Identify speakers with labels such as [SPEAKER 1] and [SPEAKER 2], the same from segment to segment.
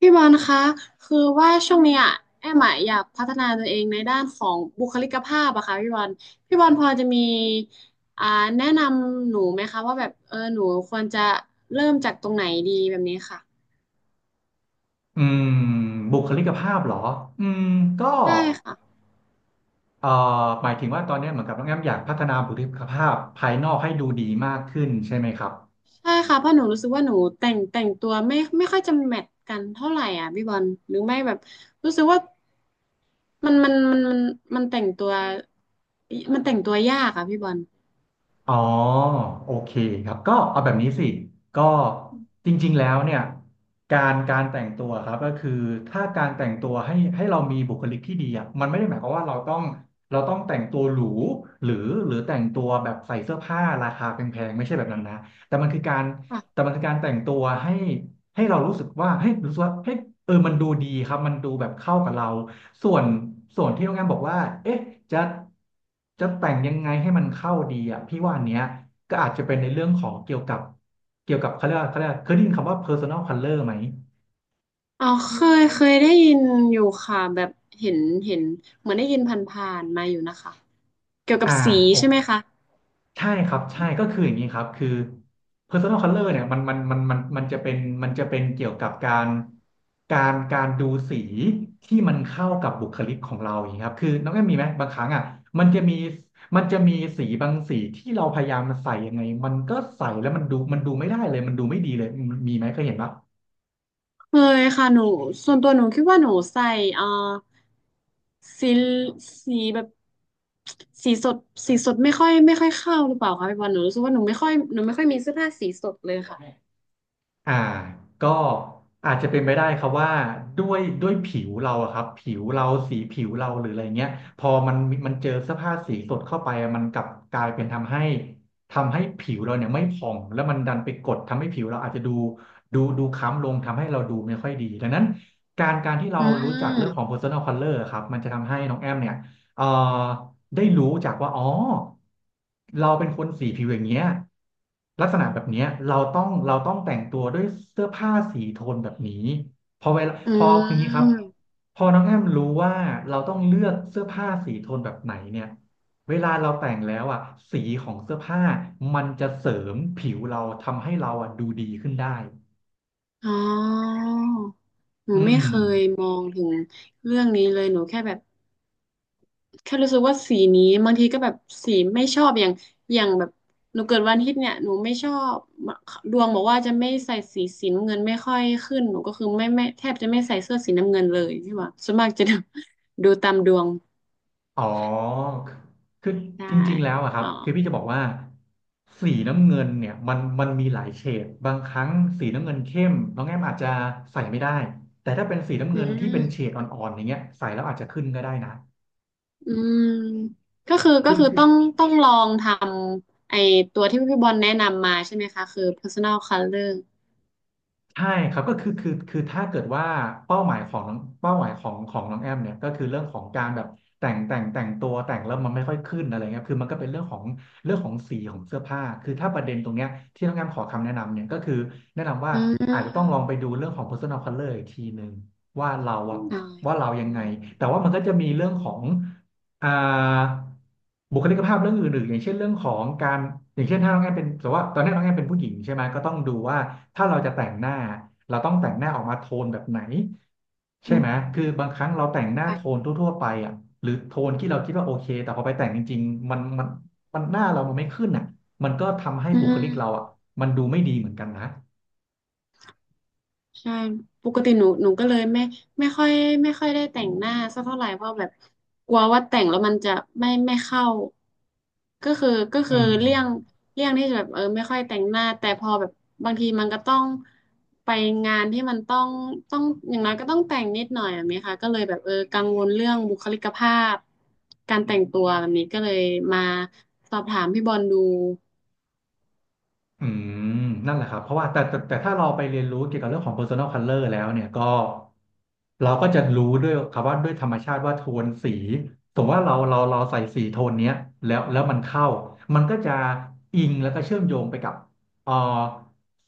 [SPEAKER 1] พี่บอลคะคือว่าช่วงเนี้ยแอมอะอยากพัฒนาตัวเองในด้านของบุคลิกภาพอะค่ะพี่บอลพี่บอลพอจะมีอ่าแนะนำหนูไหมคะว่าแบบหนูควรจะเริ่มจากตรงไหนดีแบบนี้ค่ะ
[SPEAKER 2] อืมบุคลิกภาพเหรออืมก็
[SPEAKER 1] ใช่ค่ะ
[SPEAKER 2] เอ่อหมายถึงว่าตอนนี้เหมือนกับน้องแอมอยากพัฒนาบุคลิกภาพภายนอกให้ดูดีมากขึ้นใช่ไหมครับ
[SPEAKER 1] ใช่ค่ะเพราะหนูรู้สึกว่าหนูแต่งตัวไม่ค่อยจะแมทกันเท่าไหร่อ่ะพี่บอลหรือไม่แบบรู้สึกว่ามันมันแต่งตัวมันแต่งตัวยากอะพี่บอล
[SPEAKER 2] อ๋อโอเคครับก็เอาแบบนี้สิก็จริงๆแล้วเนี่ยการแต่งตัวครับก็คือถ้าการแต่งตัวให้เรามีบุคลิกที่ดีอ่ะมันไม่ได้หมายความว่าเราต้องแต่งตัวหรูหรือหรือแต่งตัวแบบใส่เสื้อผ้าราคาแพงๆไม่ใช่แบบนั้นนะแต่มันคือการ
[SPEAKER 1] ค่ะ
[SPEAKER 2] มันคือการแต่งตัวให้เรารู้สึกว่าให้ยรู้สึกว่าเฮ้ยเออมันดูดีครับมันดูแบบเข้ากับเราส่วนส่วนที่โรงแรมบอกว่าเอ๊ะจะจะแต่งยังไงให้มันเข้าดีอ่ะพี่ว่าอันเนี้ยก็อาจจะเป็นในเรื่องของเกี่ยวกับเขาเรียกว่าเขาเรียกว่าเคยได้ยินคำว่า personal color ไหม
[SPEAKER 1] อ๋อเคยได้ยินอยู่ค่ะแบบเห็นเห็นเหมือนได้ยินผ่านๆมาอยู่นะคะเกี่ยวกับ
[SPEAKER 2] อ่า
[SPEAKER 1] สี
[SPEAKER 2] โอ
[SPEAKER 1] ใช่ไหมคะ
[SPEAKER 2] ใช่ครับใช่ก็คืออย่างนี้ครับคือ personal color เนี่ยมันจะเป็นจะเป็นเกี่ยวกับการการดูสีที่มันเข้ากับบุคลิกของเราอย่างนี้ครับคือน้องแอมมีไหมบางครั้งอ่ะมันจะมีมันจะมีสีบางสีที่เราพยายามใส่ยังไงมันก็ใส่แล้วมันดูไม่ได้เลยมันดูไม่ดีเลยมีไหมเคยเห็นปะ
[SPEAKER 1] เคยค่ะหนูส่วนตัวหนูคิดว่าหนูใส่เอ่อสีสีแบบสีสดสีสดไม่ค่อยเข้าหรือเปล่าคะพี่บอลหนูรู้สึกว่าหนูไม่ค่อยมีเสื้อผ้าสีสดเลยค่ะ
[SPEAKER 2] อ่าก็อาจจะเป็นไปได้ครับว่าด้วยผิวเราอะครับผิวเราสีผิวเราหรืออะไรเงี้ยพอมันเจอเสื้อผ้าสีสดเข้าไปอะมันกลับกลายเป็นทำให้ผิวเราเนี่ยไม่ผ่องแล้วมันดันไปกดทำให้ผิวเราอาจจะดูดูคล้ำลงทำให้เราดูไม่ค่อยดีดังนั้นการที่เรา
[SPEAKER 1] อื
[SPEAKER 2] รู้จักเรื่องของ
[SPEAKER 1] ม
[SPEAKER 2] personal color อะครับมันจะทำให้น้องแอมเนี่ย เอ่อได้รู้จากว่าอ๋อเราเป็นคนสีผิวอย่างเงี้ยลักษณะแบบเนี้ยเราต้องแต่งตัวด้วยเสื้อผ้าสีโทนแบบนี้พอเวลา
[SPEAKER 1] อื
[SPEAKER 2] พอคืองี้ครับ
[SPEAKER 1] ม
[SPEAKER 2] พอน้องแอมรู้ว่าเราต้องเลือกเสื้อผ้าสีโทนแบบไหนเนี่ยเวลาเราแต่งแล้วอ่ะสีของเสื้อผ้ามันจะเสริมผิวเราทำให้เราอ่ะดูดีขึ้นได้
[SPEAKER 1] อ๋อหนู
[SPEAKER 2] อื
[SPEAKER 1] ไม่
[SPEAKER 2] ม
[SPEAKER 1] เคยมองถึงเรื่องนี้เลยหนูแค่แบบ แค่รู้สึกว่าสีนี้บางทีก็แบบสีไม่ชอบอย่างแบบหนูเกิดวันอาทิตย์เนี่ยหนูไม่ชอบดวงบอกว่าจะไม่ใส่สีน้ำเงินไม่ค่อยขึ้นหนูก็คือไม่แทบจะไม่ใส่เสื้อสีน้ำเงินเลยใช่ปะส่วนมากจะดู ดูตามดวง
[SPEAKER 2] อ๋อคือ
[SPEAKER 1] ได้
[SPEAKER 2] จริงๆ แล้วอะครั
[SPEAKER 1] อ๋
[SPEAKER 2] บ
[SPEAKER 1] อ
[SPEAKER 2] คือพี่จะบอกว่าสีน้ำเงินเนี่ยมันมีหลายเฉดบางครั้งสีน้ำเงินเข้มน้องแอมอาจจะใส่ไม่ได้แต่ถ้าเป็นสีน้ำ
[SPEAKER 1] อื
[SPEAKER 2] เงินที่เป็นเฉ
[SPEAKER 1] ม
[SPEAKER 2] ดอ่อนๆอย่างเงี้ยใส่แล้วอาจจะขึ้นก็ได้นะ
[SPEAKER 1] อืมก็คือก็
[SPEAKER 2] คือ
[SPEAKER 1] คือต้องลองทำไอตัวที่พี่บอลแนะนำมาใช่ไหมคะคือ personal color
[SPEAKER 2] ใช่ครับก็คือคือถ้าเกิดว่าเป้าหมายของเป้าหมายของของน้องแอมเนี่ยก็คือเรื่องของการแบบแต่งตัวแต่งแล้วมันไม่ค่อยขึ้นอะไรเงี้ยคือมันก็เป็นเรื่องของสีของเสื้อผ้าคือถ้าประเด็นตรงเนี้ยที่น้องแอมขอคำแนะนำเนี่ยก็คือแนะนำว่า
[SPEAKER 1] อื
[SPEAKER 2] อาจจะต้องล
[SPEAKER 1] ม
[SPEAKER 2] องไปดูเรื่องของ personal color อีกทีหนึ่งว่าเราอะ
[SPEAKER 1] อ๋อ
[SPEAKER 2] ว่าเรายังไง
[SPEAKER 1] อ
[SPEAKER 2] แต่ว่ามันก็จะมีเรื่องของ อ่าบุคลิกภาพเรื่องอื่นๆอย่างเช่นเรื่องของการอย่างเช่นถ้าน้องแอนเป็นสมมติว่าตอนนี้น้องแอนเป็นผู้หญิงใช่ไหมก็ต้องดูว่าถ้าเราจะแต่งหน้าเราต้องแต่งหน้าออกมาโทนแบบไหนใช่
[SPEAKER 1] ื
[SPEAKER 2] ไหม
[SPEAKER 1] ม
[SPEAKER 2] คือบางครั้งเราแต่งหน้าโท
[SPEAKER 1] ่
[SPEAKER 2] นทั่วๆไปอ่ะหรือโทนที่เราคิดว่าโอเคแต่พอไปแต่งจริงๆมันมันหน้าเรามันไม่ขึ้นอ่ะมันก็ทำให้
[SPEAKER 1] อื
[SPEAKER 2] บุคลิกเรา
[SPEAKER 1] ม
[SPEAKER 2] อ่ะมันดูไม่ดีเหมือนกันนะ
[SPEAKER 1] ใช่ปกติหนูก็เลยไม่ค่อยไม่ค่อยได้แต่งหน้าสักเท่าไหร่เพราะแบบกลัวว่าแต่งแล้วมันจะไม่เข้าก็คือ
[SPEAKER 2] อืม
[SPEAKER 1] เลี่ยงเลี่ยงที่จะแบบไม่ค่อยแต่งหน้าแต่พอแบบบางทีมันก็ต้องไปงานที่มันต้องอย่างน้อยก็ต้องแต่งนิดหน่อยแบบนี้ค่ะก็เลยแบบกังวลเรื่องบุคลิกภาพการแต่งตัวแบบนี้ก็เลยมาสอบถามพี่บอลดู
[SPEAKER 2] อืมนั่นแหละครับเพราะว่าแต่ถ้าเราไปเรียนรู้เกี่ยวกับเรื่องของ personal color แล้วเนี่ยก็เราก็จะรู้ด้วยครับว่าด้วยธรรมชาติว่าโทนสีสมมติว่าเราใส่สีโทนเนี้ยแล้วมันเข้ามันก็จะอิงแล้วก็เชื่อมโยงไปกับเอ่อ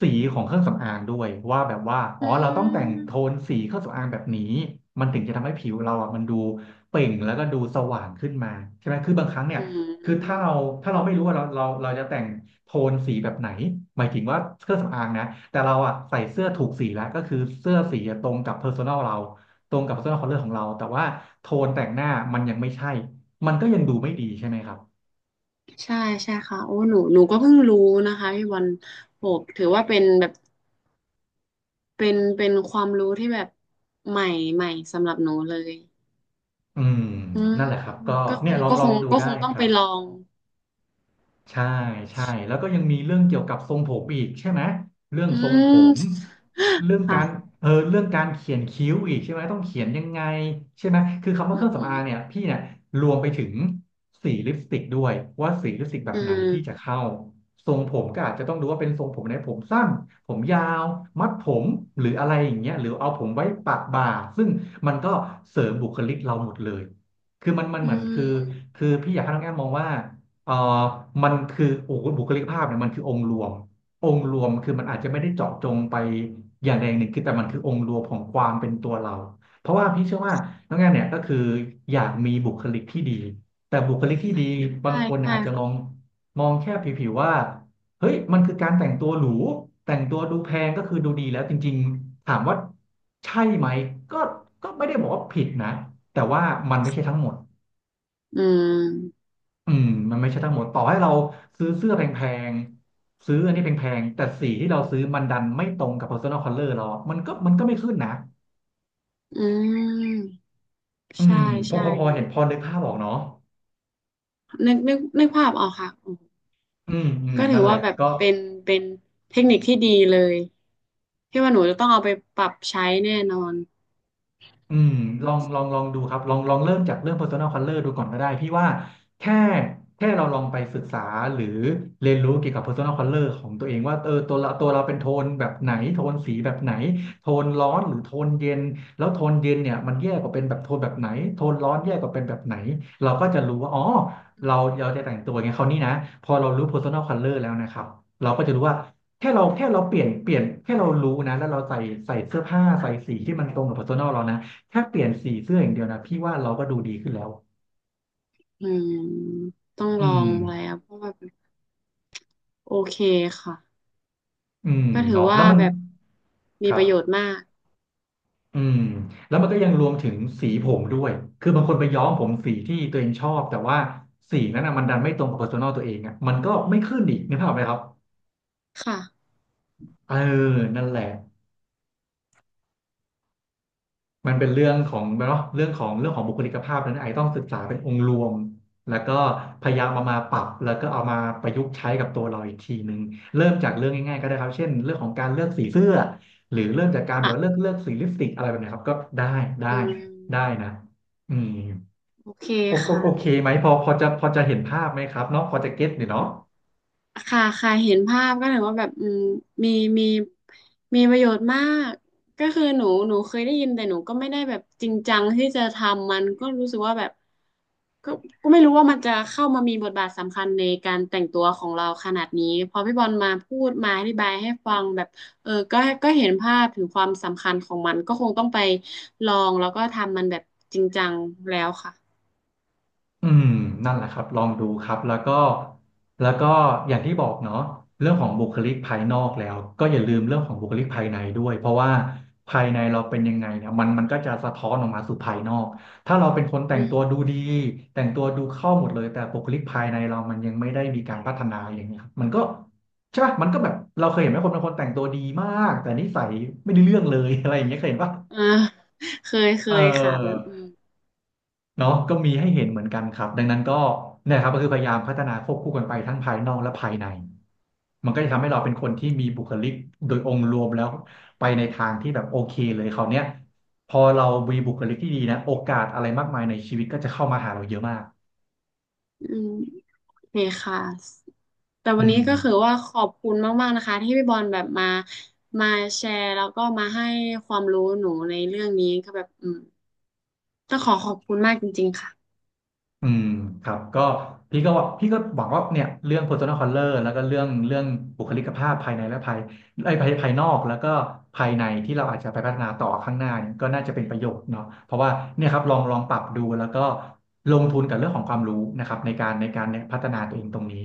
[SPEAKER 2] สีของเครื่องสำอางด้วยว่าแบบว่าอ๋
[SPEAKER 1] อื
[SPEAKER 2] อเราต้องแต่งโทน
[SPEAKER 1] ม
[SPEAKER 2] สีเครื่องสำอางแบบนี้มันถึงจะทำให้ผิวเราอ่ะมันดูเปล่งแล้วก็ดูสว่างขึ้นมาใช่ไหมคือบางครั้งเนี่ย
[SPEAKER 1] อื
[SPEAKER 2] คือ
[SPEAKER 1] ม
[SPEAKER 2] ถ้าเราไม่รู้ว่าเราจะแต่งโทนสีแบบไหนหมายถึงว่าเครื่องสำอางนะแต่เราอ่ะใส่เสื้อถูกสีแล้วก็คือเสื้อสีตรงกับ personal เราตรงกับ personal color ของเราแต่ว่าโทนแต่งหน้ามันยังไม่ใช่มันก็ยังดูไม่ดีใช่ไหมครับ
[SPEAKER 1] ใช่ใช่ค่ะโอ้หนูก็เพิ่งรู้นะคะพี่บอลโหถือว่าเป็นแบบเป็นเป็นความรู้ที่แบบใหม่ใหม่สำหรับหนูเลย
[SPEAKER 2] อืม
[SPEAKER 1] อืม
[SPEAKER 2] นั่นแหละครับก็
[SPEAKER 1] ก็ค
[SPEAKER 2] เนี่ย
[SPEAKER 1] ง
[SPEAKER 2] ลอง
[SPEAKER 1] ก็
[SPEAKER 2] ล
[SPEAKER 1] ค
[SPEAKER 2] อง
[SPEAKER 1] ง
[SPEAKER 2] ดู
[SPEAKER 1] ก็ค
[SPEAKER 2] ได้
[SPEAKER 1] งต้อ
[SPEAKER 2] ค
[SPEAKER 1] งไป
[SPEAKER 2] รับ
[SPEAKER 1] ลอง
[SPEAKER 2] ใช่ใช่แล้วก็ยังมีเรื่องเกี่ยวกับทรงผมอีกใช่ไหมเรื่อง
[SPEAKER 1] อื
[SPEAKER 2] ทรงผ
[SPEAKER 1] ม
[SPEAKER 2] มเรื่องการ
[SPEAKER 1] ค่ะ
[SPEAKER 2] เรื่องการเขียนคิ้วอีกใช่ไหมต้องเขียนยังไงใช่ไหมคือคำว่า
[SPEAKER 1] อืม
[SPEAKER 2] เครื่องสำอางเนี่ยพี่เนี่ยรวมไปถึงสีลิปสติกด้วยว่าสีลิปสติกแบ
[SPEAKER 1] อื
[SPEAKER 2] บไหนที่จะ
[SPEAKER 1] ม
[SPEAKER 2] เข้าทรงผมก็อาจจะต้องดูว่าเป็นทรงผมไหนผมสั้นผมยาวมัดผมหรืออะไรอย่างเงี้ยหรือเอาผมไว้ปะบ่าซึ่งมันก็เสริมบุคลิกเราหมดเลยคือมัน
[SPEAKER 1] อื
[SPEAKER 2] เหมือนคือ
[SPEAKER 1] ม
[SPEAKER 2] คือพี่อยากให้น้องแอมมองว่า เอ่อมันคือโอ้โหบุคลิกภาพเนี่ยมันคือองค์รวมองค์รวมคือมันอาจจะไม่ได้เจาะจงไปอย่างใดอย่างหนึ่งคือแต่มันคือองค์รวมของความเป็นตัวเราเพราะว่าพี่เชื่อว่าน้องแอมเนี่ยก็คืออยากมีบุคลิกที่ดีแต่บุคลิกที่ดีบา
[SPEAKER 1] ใช่
[SPEAKER 2] งคนเนี่ย
[SPEAKER 1] ใช่
[SPEAKER 2] อาจจะมอง
[SPEAKER 1] ค่ะ
[SPEAKER 2] มองแค่ผิวๆว่าเฮ้ยมันคือการแต่งตัวหรูแต่งตัวดูแพงก็คือดูดีแล้วจริงๆถามว่าใช่ไหมก็ไม่ได้บอกว่าผิดนะแต่ว่ามันไม่ใช่ทั้งหมด
[SPEAKER 1] อืม
[SPEAKER 2] อืมมันไม่ใช่ทั้งหมดต่อให้เราซื้อเสื้อแพงๆซื้ออันนี้แพงๆแต่สีที่เราซื้อมันดันไม่ตรงกับ personal color เราอะมันก็ไม่ขึ้นนะ
[SPEAKER 1] อืม
[SPEAKER 2] อื
[SPEAKER 1] ใช่
[SPEAKER 2] มพอ
[SPEAKER 1] ใช่
[SPEAKER 2] พอพอ
[SPEAKER 1] หนู
[SPEAKER 2] เห็นพอนึกภาพออกเนาะ
[SPEAKER 1] นึกภาพออกค่ะอืม
[SPEAKER 2] อืมอืม
[SPEAKER 1] ก็ถื
[SPEAKER 2] นั่
[SPEAKER 1] อ
[SPEAKER 2] นแหละ
[SPEAKER 1] ว่าแบบ
[SPEAKER 2] ก็
[SPEAKER 1] เป็นเทคนิคที่ดีเลยที่ว่าหนูจะต้องเอาไปปรับใช้แน่นอน
[SPEAKER 2] อืมลองลองลองดูครับลองลองเริ่มจากเรื่อง personal color ดูก่อนก็ได้พี่ว่าแค่แค่เราลองไปศึกษาหรือเรียนรู้เกี่ยวกับ personal color ของตัวเองว่าเออตัวเราเป็นโทนแบบไหนโทนสีแบบไหนโทนร้อนหรือโทนเย็นแล้วโทนเย็นเนี่ยมันแย่กว่าเป็นแบบโทนแบบไหนโทนร้อนแย่กว่าเป็นแบบไหนเราก็จะรู้ว่าอ๋อเราเราจะแต่งตัวไงเขาวนี่นะพอเรารู้ personal color แล้วนะครับเราก็จะรู้ว่าแค่เราเปลี่ยนแค่เรารู้นะแล้วเราใส่เสื้อผ้าใส่สีที่มันตรงกับ personal เรานะ แค่เปลี่ยนสีเสื้ออย่างเดียวนะพี่ว่าเราก็ดูดีขึ้นแล้ว
[SPEAKER 1] อืมต้อง
[SPEAKER 2] อื
[SPEAKER 1] ลอ
[SPEAKER 2] ม
[SPEAKER 1] งไว้อะเพราะว่าแบบโอเคค่ะ
[SPEAKER 2] อืม
[SPEAKER 1] ก็ถือ
[SPEAKER 2] เนาะแล้
[SPEAKER 1] ว่า
[SPEAKER 2] วมัน
[SPEAKER 1] แบบมี
[SPEAKER 2] ครั
[SPEAKER 1] ประโยช
[SPEAKER 2] บ
[SPEAKER 1] น์มาก
[SPEAKER 2] อืมแล้วมันก็ยังรวมถึงสีผมด้วย คือบางคนไปย้อมผมสีที่ตัวเองชอบแต่ว่าสีนั้นอ่ะมันดันไม่ตรงกับ p e r s o n a l ตัวเองอ่ะมันก็ไม่ขึ้นอีกนึกภาพไหมครับ
[SPEAKER 1] ค่ะ
[SPEAKER 2] เออ นั่นแหละ มันเป็นเรื่องของเนาะเรื่องของเรื่องของบุคลิกภาพนั้นไอต้องศึกษาเป็นองค์รวมแล้วก็พยายามเอามาปรับแล้วก็เอามาประยุกต์ใช้กับตัวเราอีกทีหนึ่งเริ่มจากเรื่องง่ายๆก็ได้ครับเช่นเรื่องของการเลือกสีเสื้อหรือเริ่มจากการแบบว่าเลือก
[SPEAKER 1] ค่ะ
[SPEAKER 2] เลือกสีลิปสติกอะไรแบบเนี้ยครับก็ได้ได้
[SPEAKER 1] อืม
[SPEAKER 2] ได้นะอืม
[SPEAKER 1] โอเค
[SPEAKER 2] โอโอ
[SPEAKER 1] ค่ะ
[SPEAKER 2] โอเคไหมพอจะเห็นภาพไหมครับเนาะพอจะเก็ตเนี่ยเนาะ
[SPEAKER 1] ค่ะค่ะเห็นภาพก็ถือว่าแบบอืมมีมีมีประโยชน์มากก็คือหนูเคยได้ยินแต่หนูก็ไม่ได้แบบจริงจังที่จะทำมันก็รู้สึกว่าแบบก็ก็ไม่รู้ว่ามันจะเข้ามามีบทบาทสำคัญในการแต่งตัวของเราขนาดนี้พอพี่บอลมาพูดมาอธิบายให้ฟังแบบเออก็ก็เห็นภาพถึงความสำคัญของมันก็คงต้องไปลองแล้วก็ทำมันแบบจริงจังแล้วค่ะ
[SPEAKER 2] อืมนั่นแหละครับลองดูครับแล้วก็แล้วก็อย่างที่บอกเนาะเรื่องของบุคลิกภายนอกแล้วก็อย่าลืมเรื่องของบุคลิกภายในด้วยเพราะว่าภายในเราเป็นยังไงเนี่ยมันมันก็จะสะท้อนออกมาสู่ภายนอกถ้าเราเป็นคนแต่
[SPEAKER 1] อื
[SPEAKER 2] งตัวดู
[SPEAKER 1] ม
[SPEAKER 2] ดีแต่งตัวดูเข้าหมดเลยแต่บุคลิกภายในเรามันยังไม่ได้มีการพัฒนาอย่างเงี้ยครับมันก็ใช่ปะมันก็แบบเราเคยเห็นไหมคนบางคนแต่งตัวดีมากแต่นิสัยไม่ได้เรื่องเลย อะไรอย่า
[SPEAKER 1] ค่ะ
[SPEAKER 2] งเงี้ยเคย
[SPEAKER 1] ค่ะ
[SPEAKER 2] เห็นปะ
[SPEAKER 1] อ่าเคยเค
[SPEAKER 2] เออ
[SPEAKER 1] ยค่ะแบบอืม
[SPEAKER 2] เนาะก็มีให้เห็นเหมือนกันครับดังนั้นก็เนี่ยครับก็คือพยายามพัฒนาควบคู่กันไปทั้งภายนอกและภายในมันก็จะทำให้เราเป็นคนที่มีบุคลิกโดยองค์รวมแล้วไปในทางที่แบบโอเคเลยคราวเนี้ยพอเรามีบุคลิกที่ดีนะโอกาสอะไรมากมายในชีวิตก็จะเข้ามาหาเราเยอะมาก
[SPEAKER 1] อืม โอเคค่ะแต่
[SPEAKER 2] อื
[SPEAKER 1] วัน
[SPEAKER 2] ม
[SPEAKER 1] นี้ก็คือว่าขอบคุณมากๆนะคะที่พี่บอลแบบมาแชร์แล้วก็มาให้ความรู้หนูในเรื่องนี้ก็แบบอืมต้องขอขอบคุณมากจริงๆค่ะ
[SPEAKER 2] อืมครับก็พี่ก็หวังว่าเนี่ยเรื่อง personal color แล้วก็เรื่องบุคลิกภาพภายในและภายไอ้ยภายภายนอกแล้วก็ภายในที่เราอาจจะไปพัฒนาต่อข้างหน้าเนี่ยก็น่าจะเป็นประโยชน์เนาะเพราะว่าเนี่ยครับลองลองปรับดูแล้วก็ลงทุนกับเรื่องของความรู้นะครับในการเนี่ยพัฒนา
[SPEAKER 1] ค่ะ
[SPEAKER 2] ตัวเองตรงนี้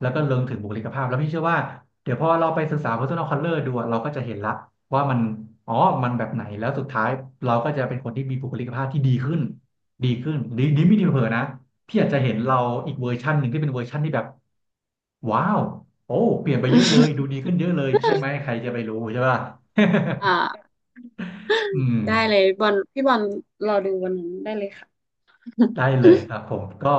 [SPEAKER 2] แล้วก็เรื่องถึงบุคลิกภาพแล้วพี่เชื่อว่าเดี๋ยวพอเราไปศึกษา personal color ดูอะเราก็จะเห็นละว่ามันอ๋อมันแบบไหนแล้วสุดท้ายเราก็จะเป็นคนที่มีบุคลิกภาพที่ดีขึ้น ดีขึ้นดีดีไม่ดีเผลอๆนะพี่อาจจะเห็นเราอีกเวอร์ชันหนึ่งที่เป็นเวอร์ชันที่แบบว้าวโอ้เปลี่ยนไปเยอะเลยดูดีขึ้นเยอะเลยใช่ไหมใครจะไปรู้ใช่ป่ะ
[SPEAKER 1] อ่า
[SPEAKER 2] อืม
[SPEAKER 1] ได้เลยบอลพี่บอลรอดูวันนั้นได้เลยค่ะ
[SPEAKER 2] ได้เลยครับผมก็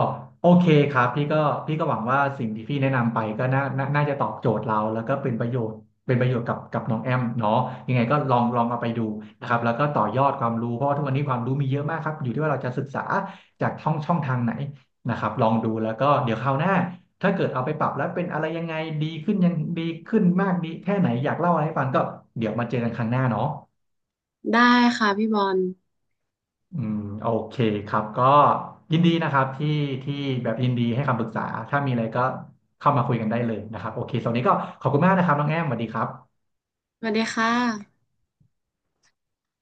[SPEAKER 2] โอเคครับพี่ก็พี่ก็หวังว่าสิ่งที่พี่แนะนำไปก็น่าจะตอบโจทย์เราแล้วก็เป็นประโยชน์เป็นประโยชน์กับน้องแอมเนาะยังไงก็ลองลองเอาไปดูนะครับแล้วก็ต่อยอดความรู้เพราะว่าทุกวันนี้ความรู้มีเยอะมากครับอยู่ที่ว่าเราจะศึกษาจากช่องทางไหนนะครับลองดูแล้วก็เดี๋ยวคราวหน้าถ้าเกิดเอาไปปรับแล้วเป็นอะไรยังไงดีขึ้นยังดีขึ้นมากดีแค่ไหนอยากเล่าอะไรให้ฟังก็เดี๋ยวมาเจอกันครั้งหน้าเนาะ
[SPEAKER 1] ได้ค่ะพี่บอล
[SPEAKER 2] อืมโอเคครับก็ยินดีนะครับที่แบบยินดีให้คำปรึกษาถ้ามีอะไรก็เข้ามาคุยกันได้เลยนะครับโอเคสำหรับวันนี้ก็ขอบคุณมากนะครับน้องแอมสวัสดีครับ
[SPEAKER 1] สวัสดีค่ะ